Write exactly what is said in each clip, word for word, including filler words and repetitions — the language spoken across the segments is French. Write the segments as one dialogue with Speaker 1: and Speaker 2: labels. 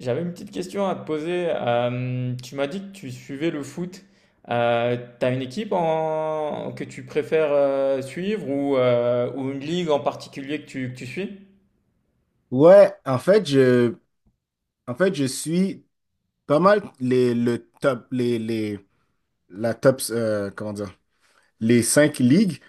Speaker 1: J'avais une petite question à te poser. Euh, tu m'as dit que tu suivais le foot. Euh, t'as une équipe en- que tu préfères euh, suivre ou, euh, ou une ligue en particulier que tu, que tu suis?
Speaker 2: Ouais, en fait, je, en fait, je suis pas mal les, le top, les, les, la top, euh, comment dire, les cinq ligues,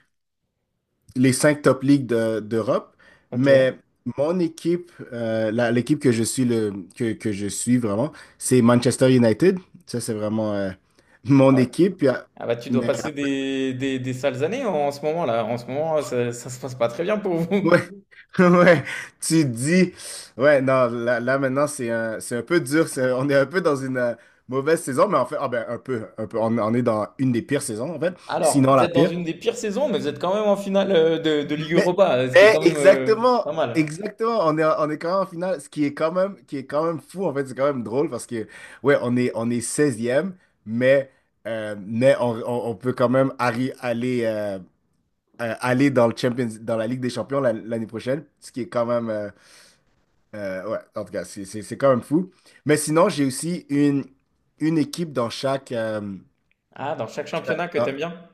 Speaker 2: les cinq top ligues de- d'Europe.
Speaker 1: Ok.
Speaker 2: Mais mon équipe, euh, la- l'équipe que je suis le, que, que je suis vraiment, c'est Manchester United. Ça, c'est vraiment, euh, mon
Speaker 1: Ah ouais.
Speaker 2: équipe. Puis,
Speaker 1: Ah bah tu dois
Speaker 2: euh,
Speaker 1: passer des, des, des sales années en, en ce moment là. En ce moment, ça, ça se passe pas très bien pour vous.
Speaker 2: ouais, ouais, tu dis, ouais, non, là, là, maintenant c'est un, c'est un peu dur, c'est- on est un peu dans une euh, mauvaise saison, mais en fait, ah ben un peu, un peu, on, on est dans une des pires saisons en fait,
Speaker 1: Alors,
Speaker 2: sinon
Speaker 1: vous
Speaker 2: la
Speaker 1: êtes dans
Speaker 2: pire.
Speaker 1: une des pires saisons, mais vous êtes quand même en finale euh, de, de Ligue
Speaker 2: Mais,
Speaker 1: Europa, ce qui est
Speaker 2: mais
Speaker 1: quand même euh, pas
Speaker 2: exactement,
Speaker 1: mal.
Speaker 2: exactement, on est, on est quand même en finale, ce qui est quand même, qui est quand même fou en fait, c'est quand même drôle parce que, ouais, on est, on est seizième, mais, euh, mais on, on- on peut quand même arri- aller, euh, euh, aller dans le Champions, dans la Ligue des Champions la- l'année prochaine, ce qui est quand même. Euh, Euh, ouais, en tout cas, c'est c'est- c'est quand même fou. Mais sinon, j'ai aussi une, une équipe dans chaque, euh,
Speaker 1: Ah, dans chaque
Speaker 2: chaque-
Speaker 1: championnat que
Speaker 2: dans,
Speaker 1: t'aimes bien?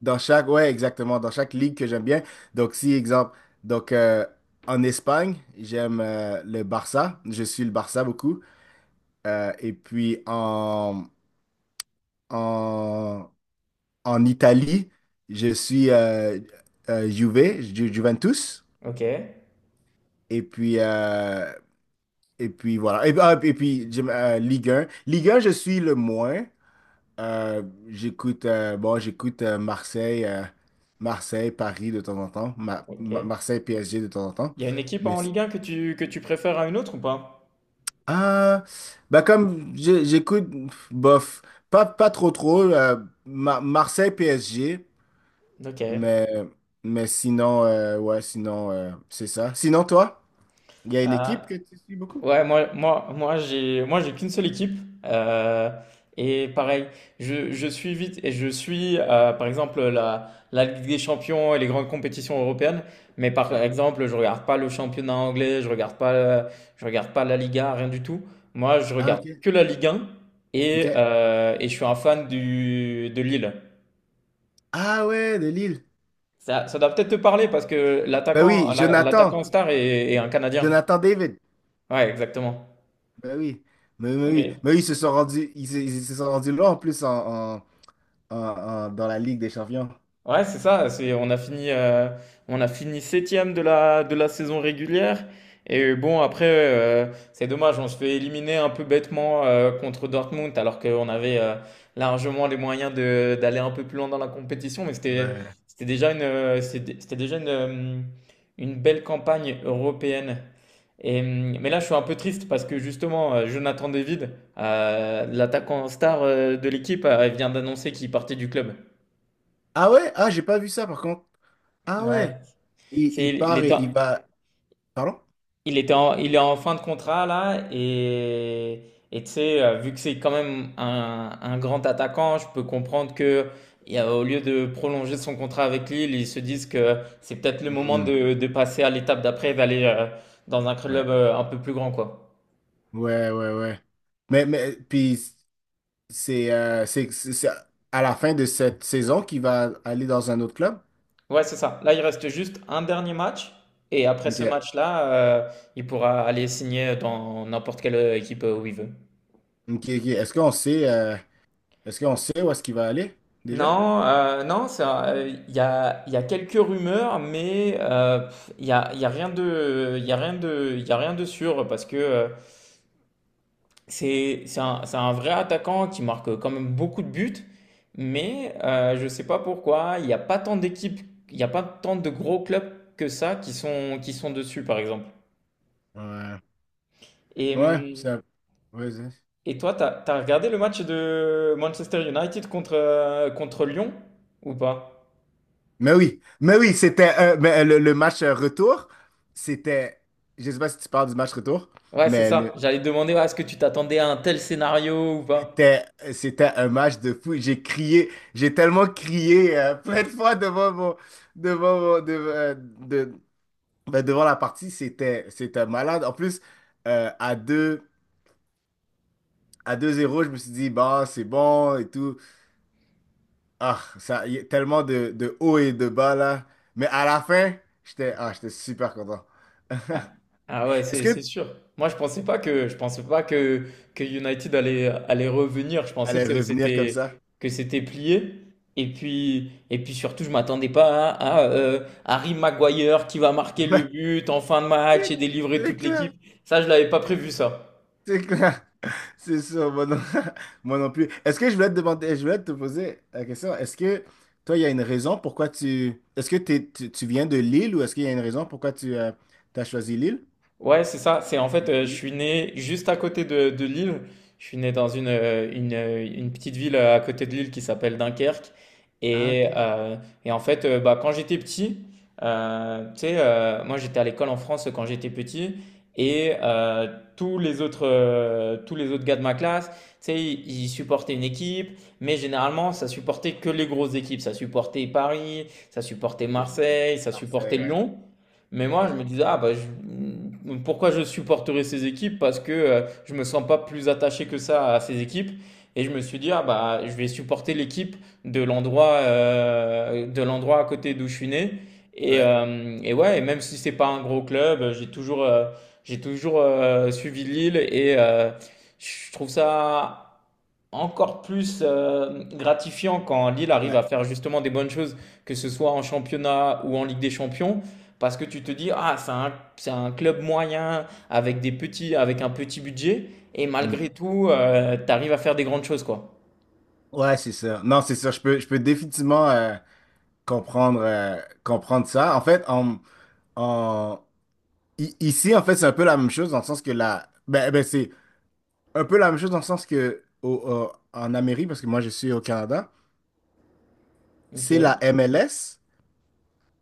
Speaker 2: dans chaque, ouais, exactement, dans chaque ligue que j'aime bien. Donc, si, exemple, donc, euh, en Espagne, j'aime euh, le Barça. Je suis le Barça beaucoup. Euh, et puis, en, en, en Italie, je suis euh, euh, Juve, Ju- Juventus.
Speaker 1: Ok.
Speaker 2: Et puis, euh, et puis voilà. Et, ah, et puis, j'aime, euh, Ligue un Ligue un, je suis le moins. Euh, j'écoute euh, bon, j'écoute euh, Marseille, euh, Marseille, Paris de temps en temps, Ma-
Speaker 1: Ok.
Speaker 2: Ma- Marseille, P S G de temps en temps.
Speaker 1: Il y a une équipe
Speaker 2: Mais
Speaker 1: en
Speaker 2: c'est-
Speaker 1: Ligue un que tu, que tu préfères à une autre ou pas?
Speaker 2: ah, Bah comme j'ai- j'écoute bof, pas pas trop trop euh, Ma- Marseille, P S G,
Speaker 1: Ok.
Speaker 2: mais mais sinon euh, ouais, sinon euh, c'est ça. Sinon toi, il y a une
Speaker 1: Euh,
Speaker 2: équipe que tu suis beaucoup?
Speaker 1: ouais, moi, moi, moi, j'ai, moi, j'ai qu'une seule équipe. Euh, et pareil, je, je suis vite et je suis, euh, par exemple, la, la Ligue des Champions et les grandes compétitions européennes. Mais par
Speaker 2: Ouais.
Speaker 1: exemple, je regarde pas le championnat anglais, je regarde pas, euh, je regarde pas la Liga, rien du tout. Moi, je
Speaker 2: Ah, ok.
Speaker 1: regarde que la Ligue un et,
Speaker 2: OK.
Speaker 1: euh, et je suis un fan du, de Lille.
Speaker 2: Ah ouais, de Lille.
Speaker 1: Ça, ça doit peut-être te parler parce que
Speaker 2: Bah oui,
Speaker 1: l'attaquant, la-
Speaker 2: Jonathan,
Speaker 1: l'attaquant star est, est un Canadien.
Speaker 2: Jonathan David.
Speaker 1: Ouais, exactement.
Speaker 2: Ben oui, mais, mais
Speaker 1: Non,
Speaker 2: oui,
Speaker 1: mais
Speaker 2: mais oui, ils se sont rendus, ils, se ils se sont rendus là en plus en, en- en- en- dans la Ligue des Champions.
Speaker 1: ouais, c'est ça. C'est, on a fini, euh, on a fini septième de la, de la saison régulière. Et bon, après, euh, c'est dommage, on se fait éliminer un peu bêtement euh, contre Dortmund, alors qu'on avait euh, largement les moyens de, d'aller un peu plus loin dans la compétition. Mais c'était,
Speaker 2: Ouais.
Speaker 1: c'était déjà une, euh, c'était, c'était déjà une, euh, une belle campagne européenne. Et, euh, mais là, je suis un peu triste parce que justement, euh, Jonathan David, euh, l'attaquant star euh, de l'équipe, euh, vient d'annoncer qu'il partait du club.
Speaker 2: Ah ouais? Ah, j'ai pas vu ça par contre. Ah
Speaker 1: Ouais.
Speaker 2: ouais. Il,
Speaker 1: C'est,
Speaker 2: il
Speaker 1: il
Speaker 2: part
Speaker 1: était,
Speaker 2: et
Speaker 1: en-
Speaker 2: il va. Pardon?
Speaker 1: il était en- Il est en fin de contrat là et et tu sais, euh, vu que c'est quand même un, un grand attaquant, je peux comprendre que il y a- au lieu de prolonger son contrat avec Lille, ils se disent que c'est peut-être le moment
Speaker 2: Hmm,
Speaker 1: de, de passer à l'étape d'après, d'aller euh, dans un
Speaker 2: ouais.
Speaker 1: club euh, un peu plus grand quoi.
Speaker 2: Ouais, ouais, ouais. Mais, mais puis c'est euh, c'est c'est- c'est à la fin de cette saison qu'il va aller dans un autre club.
Speaker 1: Ouais, c'est ça. Là, il reste juste un dernier match et après ce
Speaker 2: Ok.
Speaker 1: match-là, euh, il pourra aller signer dans n'importe quelle euh, équipe euh, où il veut.
Speaker 2: Ok, ok. Est-ce qu'on sait euh, est-ce qu'on sait où est-ce qu'il va aller déjà?
Speaker 1: Non, euh, non, ça, euh, il y a, il y a quelques rumeurs, mais euh, pff, il y a, il y a rien de, il y a rien de, il y a rien de sûr parce que euh, c'est, c'est un, c'est un vrai attaquant qui marque quand même beaucoup de buts, mais euh, je sais pas pourquoi il n'y a pas tant d'équipes, il n'y a pas tant de gros clubs que ça qui sont, qui sont dessus par exemple.
Speaker 2: Ouais.
Speaker 1: Et,
Speaker 2: Ouais, c'est
Speaker 1: hum,
Speaker 2: un- ouais, c'est-
Speaker 1: et toi, t'as, t'as regardé le match de Manchester United contre, euh, contre Lyon ou pas?
Speaker 2: Mais oui, mais oui, c'était euh, mais, euh, le, le match euh, retour, c'était, je sais pas si tu parles du match retour,
Speaker 1: Ouais, c'est
Speaker 2: mais
Speaker 1: ça.
Speaker 2: le-
Speaker 1: J'allais te demander, ouais, est-ce que tu t'attendais à un tel scénario ou pas?
Speaker 2: c'était euh, c'était un match de fou. J'ai crié, j'ai tellement crié euh, plein de fois devant mon devant mon- de, euh, de- ben, devant la partie, c'était c'était malade. En plus, euh, à deux à deux zéro je me suis dit bah c'est bon et tout. Ah, ça y a tellement de de haut et de bas là, mais à la fin, j'étais ah, j'étais super content.
Speaker 1: Ah, Ah ouais,
Speaker 2: Est-ce
Speaker 1: c'est c'est
Speaker 2: que
Speaker 1: sûr. Moi, je pensais pas que je pensais pas que que United allait allait revenir. Je pensais
Speaker 2: allait
Speaker 1: que
Speaker 2: revenir comme ça.
Speaker 1: c'était que c'était plié. Et puis et puis surtout, je m'attendais pas à, à, euh, Harry Maguire qui va marquer le
Speaker 2: Ouais,
Speaker 1: but en fin de match
Speaker 2: c'est
Speaker 1: et délivrer
Speaker 2: c'est
Speaker 1: toute
Speaker 2: clair.
Speaker 1: l'équipe. Ça, je l'avais pas prévu ça.
Speaker 2: C'est clair. C'est sûr, moi non, moi non plus. Est-ce que je voulais te demander, je voulais te poser la question, est-ce que toi, il y a une raison pourquoi tu... Est-ce que t'es- tu, tu viens de Lille ou est-ce qu'il y a une raison pourquoi tu as choisi Lille?
Speaker 1: Ouais, c'est ça. C'est en
Speaker 2: Tu
Speaker 1: fait, euh,
Speaker 2: suis
Speaker 1: je
Speaker 2: Lille.
Speaker 1: suis né juste à côté de, de Lille. Je suis né dans une, euh, une, euh, une petite ville euh, à côté de Lille qui s'appelle Dunkerque.
Speaker 2: Ah,
Speaker 1: Et,
Speaker 2: ok.
Speaker 1: euh, et en fait, euh, bah, quand j'étais petit, euh, tu sais, euh, moi j'étais à l'école en France quand j'étais petit. Et euh, tous les autres, euh, tous les autres gars de ma classe, tu sais, ils, ils supportaient une équipe. Mais généralement, ça supportait que les grosses équipes. Ça supportait Paris, ça supportait
Speaker 2: Ok.
Speaker 1: Marseille, ça supportait
Speaker 2: Marseille, ouais.
Speaker 1: Lyon. Mais moi, je
Speaker 2: Ouais.
Speaker 1: me disais, ah bah, je- pourquoi je supporterais ces équipes? Parce que euh, je me sens pas plus attaché que ça à ces équipes. Et je me suis dit, ah bah, je vais supporter l'équipe de l'endroit euh, de l'endroit à côté d'où je suis né. Et,
Speaker 2: Ouais.
Speaker 1: euh, et ouais, et même si c'est pas un gros club, j'ai toujours, euh, j'ai toujours euh, suivi Lille et euh, je trouve ça encore plus euh, gratifiant quand Lille arrive
Speaker 2: Ouais.
Speaker 1: à faire justement des bonnes choses, que ce soit en championnat ou en Ligue des Champions, parce que tu te dis, ah, c'est un, c'est un club moyen avec des petits, avec un petit budget, et
Speaker 2: Hmm.
Speaker 1: malgré tout, tu arrives à faire des grandes choses, quoi.
Speaker 2: Ouais, c'est ça. Non, c'est ça. Je peux, je peux définitivement euh, comprendre, euh, comprendre ça. En fait, en, en, I- ici, en fait, c'est un peu la même chose dans le sens que la. Ben, ben, c'est un peu la même chose dans le sens que au- au- en Amérique, parce que moi je suis au Canada, c'est
Speaker 1: Ok.
Speaker 2: la M L S.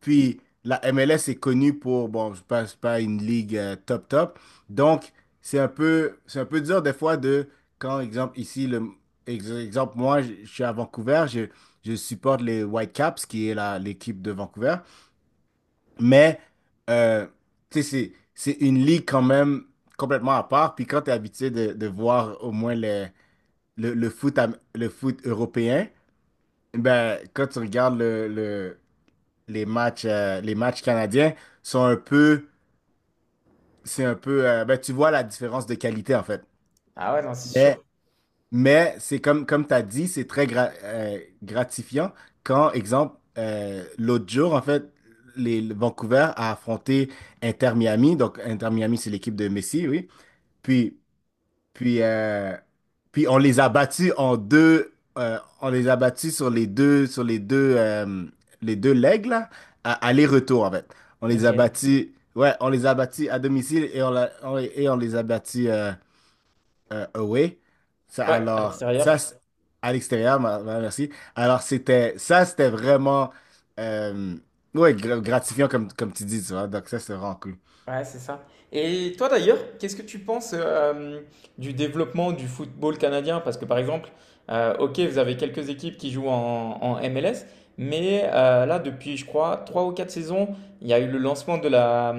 Speaker 2: Puis la M L S est connue pour, bon, je passe pas une ligue euh, top top. Donc, c'est un peu, c'est un peu dur des fois de, quand, exemple, ici, le, ex- exemple, moi, je je suis à Vancouver, je, je supporte les Whitecaps, qui est la, l'équipe de Vancouver. Mais, euh, tu sais, c'est c'est une ligue quand même complètement à part. Puis quand tu es habitué de, de voir au moins le, le, le foot, am- le foot européen, ben, quand tu regardes le, le- les matchs, euh, les matchs canadiens, sont un peu, c'est un peu, euh, ben, tu vois la différence de qualité en fait.
Speaker 1: Ah ouais, non, c'est
Speaker 2: Mais
Speaker 1: sûr.
Speaker 2: Mais c'est comme, comme tu as dit, c'est très gra- euh, gratifiant quand, exemple, euh, l'autre jour, en fait, les, le Vancouver a affronté Inter Miami. Donc, Inter Miami, c'est l'équipe de Messi, oui. Puis, puis, euh, Puis on les a battus en deux, euh, on les a battus sur les deux, sur les deux, euh, les deux legs, là, à aller-retour, en fait. On les a
Speaker 1: Ok.
Speaker 2: battus, ouais, on les a battus à domicile et on, l'a- on- et on les a battus. Euh, euh, away. Ça,
Speaker 1: Ouais, à
Speaker 2: alors,
Speaker 1: l'extérieur.
Speaker 2: ça, c'est- À l'extérieur, ma- ma- merci. Alors, c'était, ça, c'était vraiment, euh, ouais, gra- gratifiant, comme, comme tu dis, tu vois. Donc, ça, c'est vraiment cool.
Speaker 1: Ouais, c'est ça. Et toi d'ailleurs, qu'est-ce que tu penses euh, du développement du football canadien? Parce que par exemple, euh, ok, vous avez quelques équipes qui jouent en, en M L S, mais euh, là, depuis, je crois, trois ou quatre saisons, il y a eu le lancement de la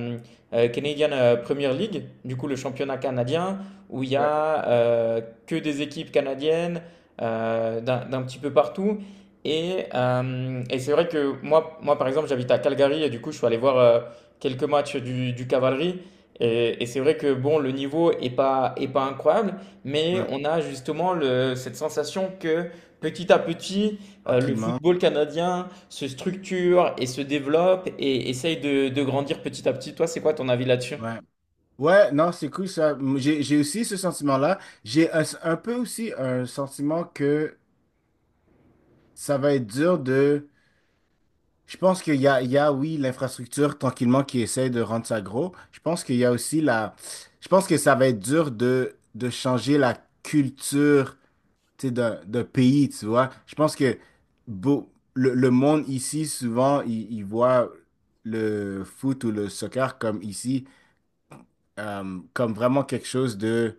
Speaker 1: euh, Canadian euh, Premier League, du coup le championnat canadien, où il y
Speaker 2: Ouais.
Speaker 1: a euh, que des équipes canadiennes euh, d'un d'un petit peu partout. Et, euh, et c'est vrai que moi, moi, par exemple, j'habite à Calgary et du coup, je suis allé voir euh, quelques matchs du, du Cavalerie. Et, et c'est vrai que bon, le niveau est pas, est pas incroyable, mais
Speaker 2: Ouais.
Speaker 1: on a justement le- cette sensation que petit à petit, euh, le
Speaker 2: Tranquillement.
Speaker 1: football canadien se structure et se développe et essaye de, de grandir petit à petit. Toi, c'est quoi ton avis là-dessus?
Speaker 2: Ouais. Ouais, non, c'est cool, ça. M- J'ai, j'ai aussi ce sentiment-là. J'ai un, un peu aussi un sentiment que ça va être dur. Je pense qu'il y a, il y a, oui, l'infrastructure tranquillement qui essaie de rendre ça gros. Je pense qu'il y a aussi la... Je pense que ça va être dur de, de changer la culture, tu sais, d'un, d'un pays, tu vois. Je pense que beau- le, le monde ici, souvent, il, il voit le foot ou le soccer comme ici, euh, comme vraiment quelque chose de,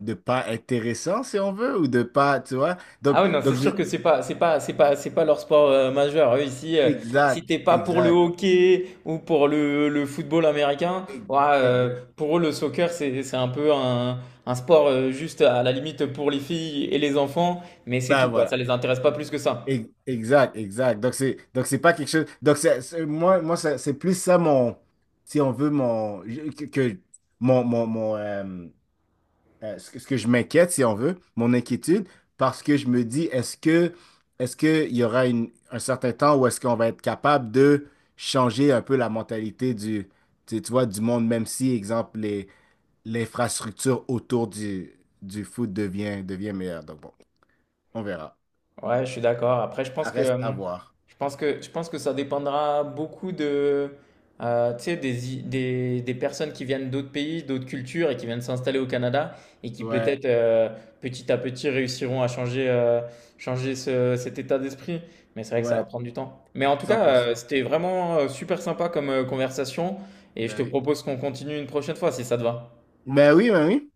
Speaker 2: de pas intéressant, si on veut, ou de pas, tu vois. Donc,
Speaker 1: Ah oui, non, c'est
Speaker 2: donc je-
Speaker 1: sûr que c'est pas, c'est pas, c'est pas, c'est pas leur sport euh, majeur. Eux, ici, euh, si
Speaker 2: Exact,
Speaker 1: t'es pas pour le
Speaker 2: exact,
Speaker 1: hockey ou pour le, le football américain,
Speaker 2: ex-
Speaker 1: ouais, euh,
Speaker 2: exact.
Speaker 1: pour eux, le soccer, c'est, c'est un peu un, un sport euh, juste à la limite pour les filles et les enfants, mais c'est
Speaker 2: Ben
Speaker 1: tout, quoi.
Speaker 2: voilà.
Speaker 1: Ça les intéresse pas plus que ça.
Speaker 2: Ex- Exact, exact. Donc c'est donc c'est pas quelque chose. Donc c'est c'est- moi moi ça- c'est plus ça mon, si on veut, mon je- que que- mon mon, mon, euh, euh, ce que, ce que je m'inquiète, si on veut, mon inquiétude, parce que je me dis est-ce que est-ce que il y aura une, un certain temps où est-ce qu'on va être capable de changer un peu la mentalité du, tu, tu vois, du monde, même si exemple les, l'infrastructure autour du du foot devient devient meilleure. Donc bon, on verra.
Speaker 1: Ouais, je suis d'accord. Après, je
Speaker 2: Ça
Speaker 1: pense que,
Speaker 2: reste à
Speaker 1: euh,
Speaker 2: voir.
Speaker 1: je pense que, je pense que ça dépendra beaucoup de, euh, tu sais, des, i- des, des personnes qui viennent d'autres pays, d'autres cultures et qui viennent s'installer au Canada et qui
Speaker 2: Ouais,
Speaker 1: peut-être euh, petit à petit réussiront à changer, euh, changer ce- cet état d'esprit. Mais c'est vrai que ça va
Speaker 2: ouais,
Speaker 1: prendre du temps. Mais en tout cas, euh,
Speaker 2: cent pour cent.
Speaker 1: c'était vraiment euh, super sympa comme euh, conversation et je te
Speaker 2: Ben oui,
Speaker 1: propose qu'on continue une prochaine fois si ça te va.
Speaker 2: ben oui. Ben oui.